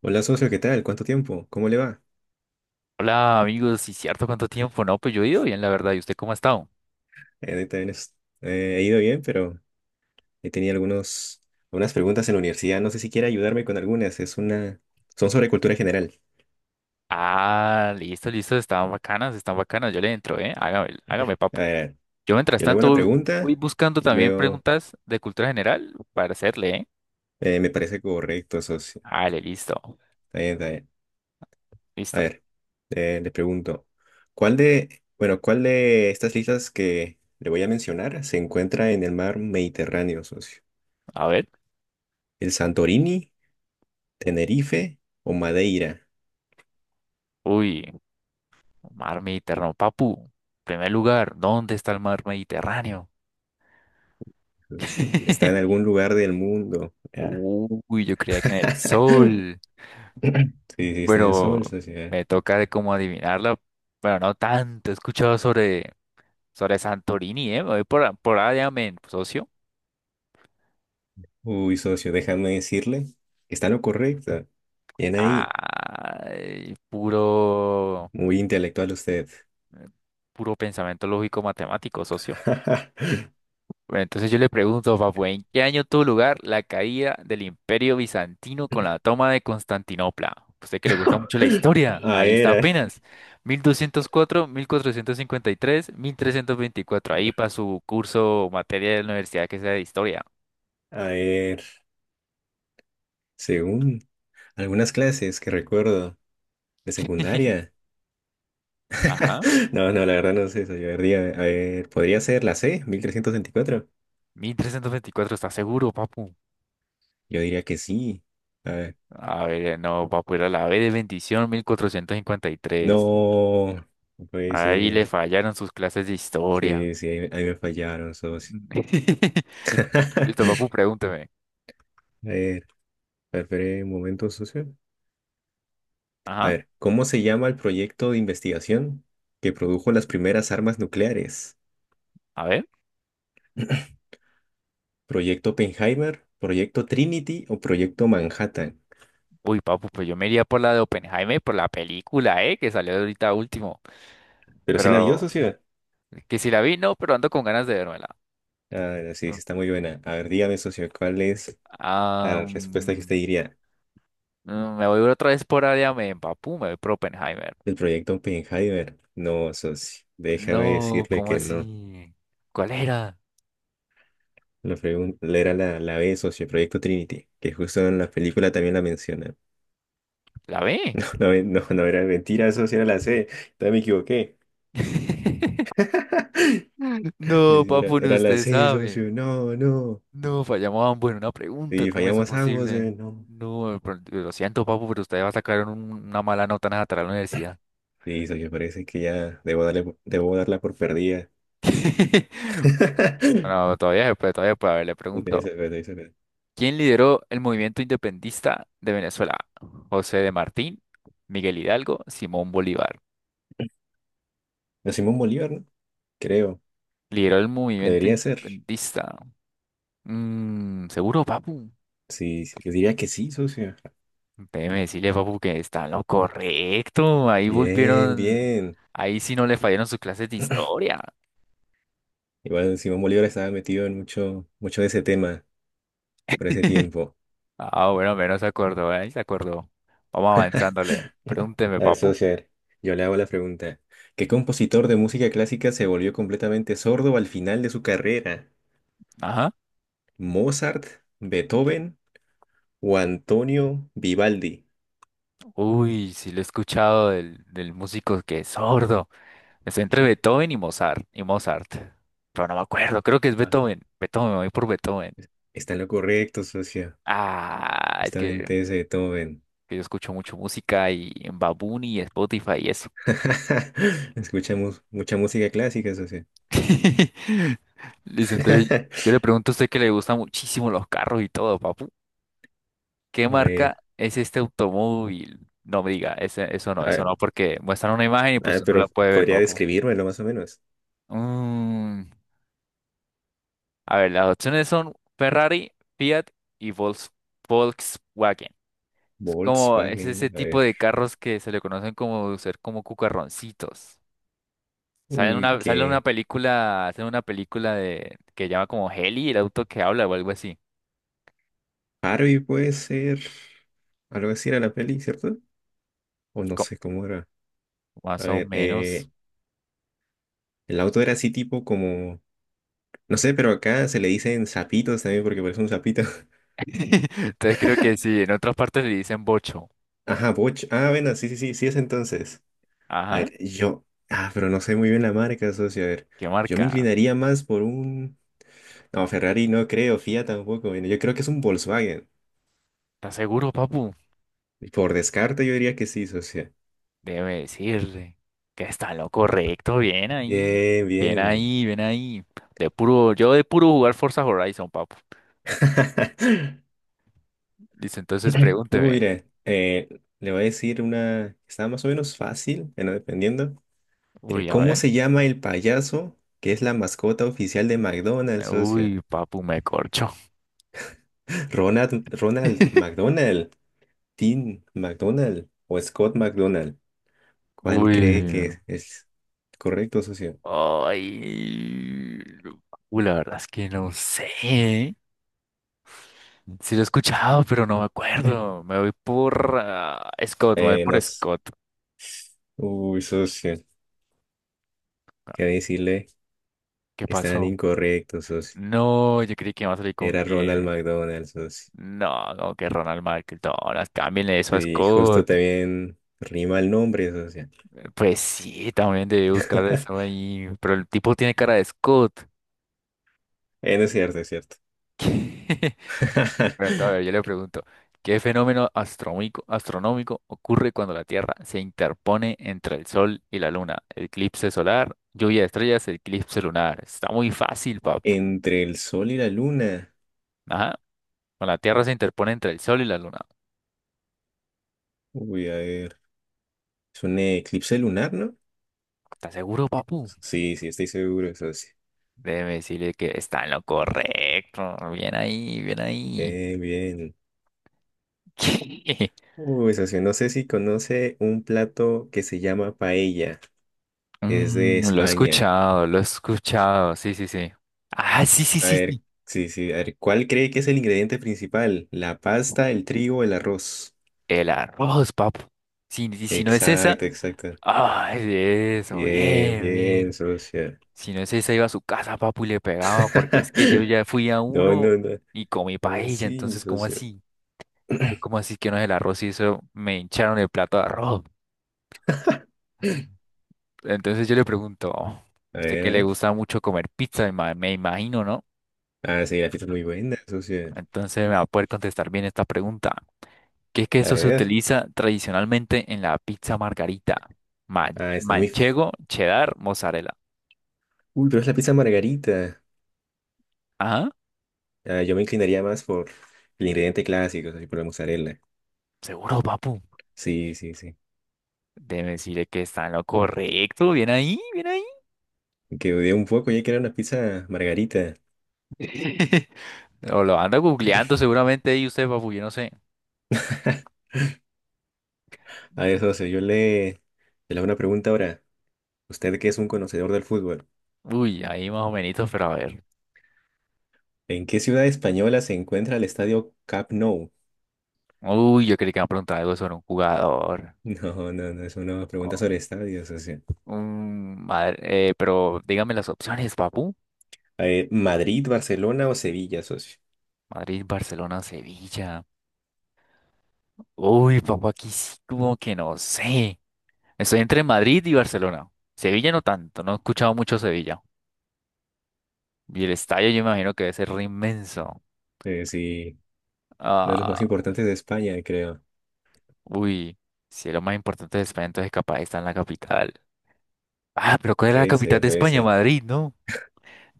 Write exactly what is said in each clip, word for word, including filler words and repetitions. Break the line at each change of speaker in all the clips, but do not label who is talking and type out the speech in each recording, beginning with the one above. Hola socio, ¿qué tal? ¿Cuánto tiempo? ¿Cómo le va?
Hola amigos, sí cierto, ¿cuánto tiempo? No, pues yo he ido bien, la verdad. ¿Y usted cómo ha estado?
Eh, ahorita bien es- eh, he ido bien, pero he tenido algunos, algunas preguntas en la universidad. No sé si quiere ayudarme con algunas. Es una, son sobre cultura general.
Ah, listo, listo, están bacanas, están bacanas. Yo le entro, ¿eh? Hágame, hágame, papo.
A ver,
Yo mientras
yo le hago una
tanto voy
pregunta
buscando
y
también
luego
preguntas de cultura general para hacerle, ¿eh?
eh, me parece correcto, socio.
Dale, listo,
Está bien, está bien. A
listo.
ver, eh, le pregunto, ¿cuál de, bueno, ¿cuál de estas islas que le voy a mencionar se encuentra en el mar Mediterráneo, socio?
A ver,
¿El Santorini, Tenerife o Madeira?
uy, mar Mediterráneo, papu. Primer lugar, ¿dónde está el mar Mediterráneo?
Está en algún lugar del mundo. Ya.
Uy, yo creía que en el sol,
Sí, sí, está en el
pero
sol, socio.
me toca de cómo adivinarla. Bueno, no tanto, he escuchado sobre. Sobre Santorini, ¿eh? Me voy por, por allá, men, socio.
Uy, socio, déjame decirle. Está lo correcto. Bien ahí.
Ay, puro,
Muy intelectual usted.
puro pensamiento lógico matemático, socio. Bueno, entonces yo le pregunto, papu, ¿en qué año tuvo lugar la caída del Imperio Bizantino con la toma de Constantinopla? Usted que le gusta mucho la historia,
A
ahí está
ver, a
apenas. mil mil doscientos cuatro, mil cuatrocientos cincuenta y tres, mil trescientos veinticuatro. Ahí para su curso o materia de la universidad que sea de historia.
a ver. Según algunas clases que recuerdo de secundaria.
Ajá.
No, no, la verdad no sé, socio. A ver, diga- a ver, ¿podría ser la ce, mil trescientos veinticuatro?
Mil trescientos veinticuatro, ¿está seguro, papu?
Yo diría que sí. A ver.
A ver, no, papu, era la B de bendición, mil cuatrocientos cincuenta y tres.
No, no puede
Ahí le
ser.
fallaron sus clases de historia.
Sí, sí, ahí, ahí me fallaron, socio.
Listo, papu, pregúnteme.
A ver, esperé un momento, socio. A
Ajá,
ver, ¿cómo se llama el proyecto de investigación que produjo las primeras armas nucleares?
a ver.
¿Proyecto Oppenheimer, Proyecto Trinity o Proyecto Manhattan?
Uy, papu, pues yo me iría por la de Oppenheimer, por la película, ¿eh? Que salió ahorita último.
Pero sí la vio,
Pero,
socio.
que si la vi, no, pero ando con ganas de vérmela.
Ah, sí, sí, está muy buena. A ver, dígame, socio, ¿cuál es
Ah,
la respuesta que
mm,
usted diría
mm, me voy otra vez por área, me papu, me voy por Oppenheimer.
del proyecto Oppenheimer? No, socio, déjame
No,
decirle
¿cómo
que no.
así? ¿Cuál era?
La pregunta era la, la be, socio, Proyecto Trinity, que justo en la película también la mencionan.
¿La B?
No, no, no era mentira, socio, era la ce. También me equivoqué. Sí,
No,
sí, era,
papu, ni
era la
usted
ce,
sabe.
socio. No, no.
No, fallamos ambos en una pregunta.
Sí
¿Cómo es eso
fallamos ambos,
posible?
eh, no.
No, pero lo siento, papu, pero usted va a sacar un- una mala nota en esa tarea de la universidad.
Sí, socio, parece que ya debo darle, por- debo darla por perdida.
No, todavía se puede, todavía se puede. A ver, le
Sí, debe
pregunto.
ser, debe ser.
¿Quién lideró el movimiento independentista de Venezuela? José de Martín, Miguel Hidalgo, Simón Bolívar.
No, Simón Bolívar, ¿no? Creo.
Lideró el movimiento
Debería ser.
independentista. Mm, ¿seguro, papu?
Sí, sí, yo diría que sí, socio.
Déjeme decirle, papu, que está en lo correcto. Ahí
Bien,
volvieron.
bien.
Ahí sí no le fallaron sus clases de historia.
Igual Simón Bolívar estaba metido en mucho, mucho de ese tema por ese tiempo.
Ah, bueno, menos se acordó, ahí se acordó. Vamos avanzándole. Pregúnteme,
A ver,
papu.
socio, a ver, yo le hago la pregunta. ¿Qué compositor de música clásica se volvió completamente sordo al final de su carrera?
Ajá.
¿Mozart, Beethoven o Antonio Vivaldi?
Uy, sí lo he escuchado del, del músico que es sordo. Es entre Beethoven y Mozart. Y Mozart. Pero no me acuerdo, creo que es
Ah,
Beethoven. Beethoven, me voy por Beethoven.
está en lo correcto, socio.
Ah, es que,
Justamente ese Beethoven.
que yo escucho mucho música y en Babuni y Spotify y eso.
Escuchamos mucha música clásica, socio.
Listo, entonces yo le pregunto a usted que le gustan muchísimo los carros y todo, papu. ¿Qué
A
marca
ver,
es este automóvil? No me diga, ese- eso
a
no, eso
ver,
no, porque muestran una imagen y
a
pues
ver,
no
pero
la puede ver,
podría
papu.
describírmelo más o menos.
Mm, a ver, las opciones son Ferrari, Fiat y Volks- Volkswagen. Es como, es
Volkswagen, a
ese tipo
ver.
de carros que se le conocen como ser como cucarroncitos. Sale en
Uy,
una, sale en una
qué.
película, hacen una película de que llama como Heli, el auto que habla o algo así.
Harvey puede ser algo así era la peli, ¿cierto? O no sé cómo era. A
Más o
ver,
menos.
eh, el auto era así tipo como, no sé, pero acá se le dicen sapitos también porque parece un sapito.
Entonces creo que sí, en otras partes le dicen bocho.
Ajá, Boch. Ah, bueno, sí, sí, sí, sí es entonces. A
Ajá,
ver, yo, ah, pero no sé muy bien la marca, socio. A ver,
¿qué
yo me
marca?
inclinaría más por un, no, Ferrari no creo, Fiat tampoco. Bueno, yo creo que es un Volkswagen.
¿Estás seguro, papu?
Por descarte yo diría que sí, socio.
Debe decirle que está en lo correcto. Bien ahí.
Bien,
Bien
bien.
ahí, bien ahí. De puro, yo de puro jugar Forza Horizon, papu. Dice, entonces
Uh,
pregúnteme.
mira, eh, le voy a decir una que está más o menos fácil, bueno, dependiendo. Mire,
Uy, a
¿cómo
ver.
se llama el payaso que es la mascota oficial de McDonald's, socio?
Uy, papu, me corcho.
Ronald, Ronald McDonald, Tim McDonald o Scott McDonald. ¿Cuál cree que
Uy.
es correcto, socio?
Ay. Uy, la verdad es que no sé. Sí lo he escuchado, pero no me acuerdo. Me voy por ah, Scott, me voy
Eh,
por
nos...
Scott.
Uy, socio, quería decirle
¿Qué
que están
pasó?
incorrectos, socio.
No, yo creí que iba a salir con
Era Ronald
que...
McDonald, socio.
No, no, que Ronald McDonald, cámbienle eso a
Sí, justo
Scott.
también rima el nombre, socio.
Pues sí, también debe buscar eso ahí. Pero el tipo tiene cara de Scott.
Eh, no es cierto, es cierto.
Pero entonces, a ver, yo le pregunto, ¿qué fenómeno astronómico, astronómico ocurre cuando la Tierra se interpone entre el Sol y la Luna? Eclipse solar, lluvia de estrellas, eclipse lunar. Está muy fácil, pap.
Entre el sol y la luna.
Ajá. Con la Tierra se interpone entre el Sol y la Luna.
Voy a ver. Es un eclipse lunar, ¿no?
¿Estás seguro, papu?
Sí, sí, estoy seguro, eso sí.
Déjeme decirle que está en lo correcto. Bien ahí, bien ahí.
Bien, bien. Uy, socio, no sé si conoce un plato que se llama paella, que es de
Mm, lo he
España.
escuchado, lo he escuchado. Sí, sí, sí. Ah, sí, sí,
A
sí,
ver,
sí.
sí, sí, a ver, ¿cuál cree que es el ingrediente principal? ¿La pasta, el trigo, el arroz?
El arroz, papu. Si, si si no es esa.
Exacto, exacto.
Ay, eso,
Bien,
bien,
bien,
bien.
socio.
Si no es esa, iba a su casa, papu, y le pegaba, porque es que yo ya fui a
No,
uno
no, no.
y comí
¿Cómo
paella,
así,
entonces, ¿cómo
socio?
así? ¿Cómo así que no es el arroz y eso me hincharon el plato de arroz? Entonces yo le pregunto, "Oh,
A
¿usted
ver, a
que le
ver.
gusta mucho comer pizza? Me ima- me imagino, ¿no?
Ah, sí, la pizza es muy buena, socio.
Entonces me va a poder contestar bien esta pregunta. ¿Qué
A
queso se
ver.
utiliza tradicionalmente en la pizza margarita? Ma-
Ah, está muy
manchego, cheddar, mozzarella.
full, pero es la pizza margarita.
Ajá,
Ah, yo me inclinaría más por el ingrediente clásico, así por la mozzarella.
seguro, papu.
Sí, sí, sí.
Debe decirle que está en lo correcto. Bien ahí, bien ahí.
Que dudé un poco ya que era una pizza margarita.
O lo anda googleando seguramente ahí usted, papu, yo no sé.
A ver, socio, yo le, le hago una pregunta ahora. Usted que es un conocedor del fútbol,
Uy, ahí más o menos, pero a ver.
¿en qué ciudad española se encuentra el estadio Camp Nou?
Uy, yo creí que me iba a preguntar algo sobre un jugador.
No, no, no, es una pregunta sobre estadios, socio.
Mm, madre- eh, pero dígame las opciones, papu.
A ver, ¿Madrid, Barcelona o Sevilla, socio?
Madrid, Barcelona, Sevilla. Uy, papu, aquí sí como que no sé. Estoy entre Madrid y Barcelona. Sevilla no tanto, no he escuchado mucho Sevilla. Y el estadio yo me imagino que debe ser re inmenso.
Eh, sí, uno de los
Ah,
más importantes de España, creo.
uy, si es lo más importante de España, entonces capaz está en la capital. Ah, pero ¿cuál es la
Puede
capital
ser,
de
puede
España?
ser.
Madrid, ¿no?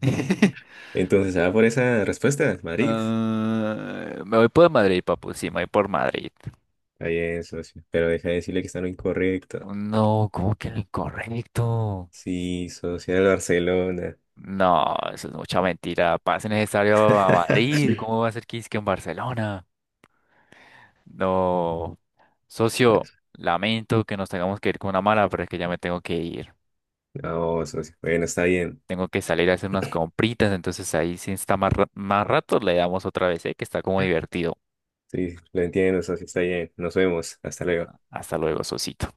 Entonces, se va por esa respuesta, Madrid.
Ah, me voy por Madrid, papu, sí, me voy por Madrid.
Está bien, socio. Pero deja de decirle que está en lo incorrecto.
No, ¿cómo que lo incorrecto?
Sí, socio, era el Barcelona.
No, eso es mucha mentira. Pase necesario a Madrid.
Sí.
¿Cómo va a ser que es que en Barcelona? No. Socio, lamento que nos tengamos que ir con una mala, pero es que ya me tengo que ir.
No, socio. Bueno, está bien.
Tengo que salir a hacer unas compritas, entonces ahí si está más, ra- más rato le damos otra vez, ¿eh? Que está como divertido.
Sí, lo entiendo, socio, está bien. Nos vemos. Hasta luego.
Hasta luego, socito.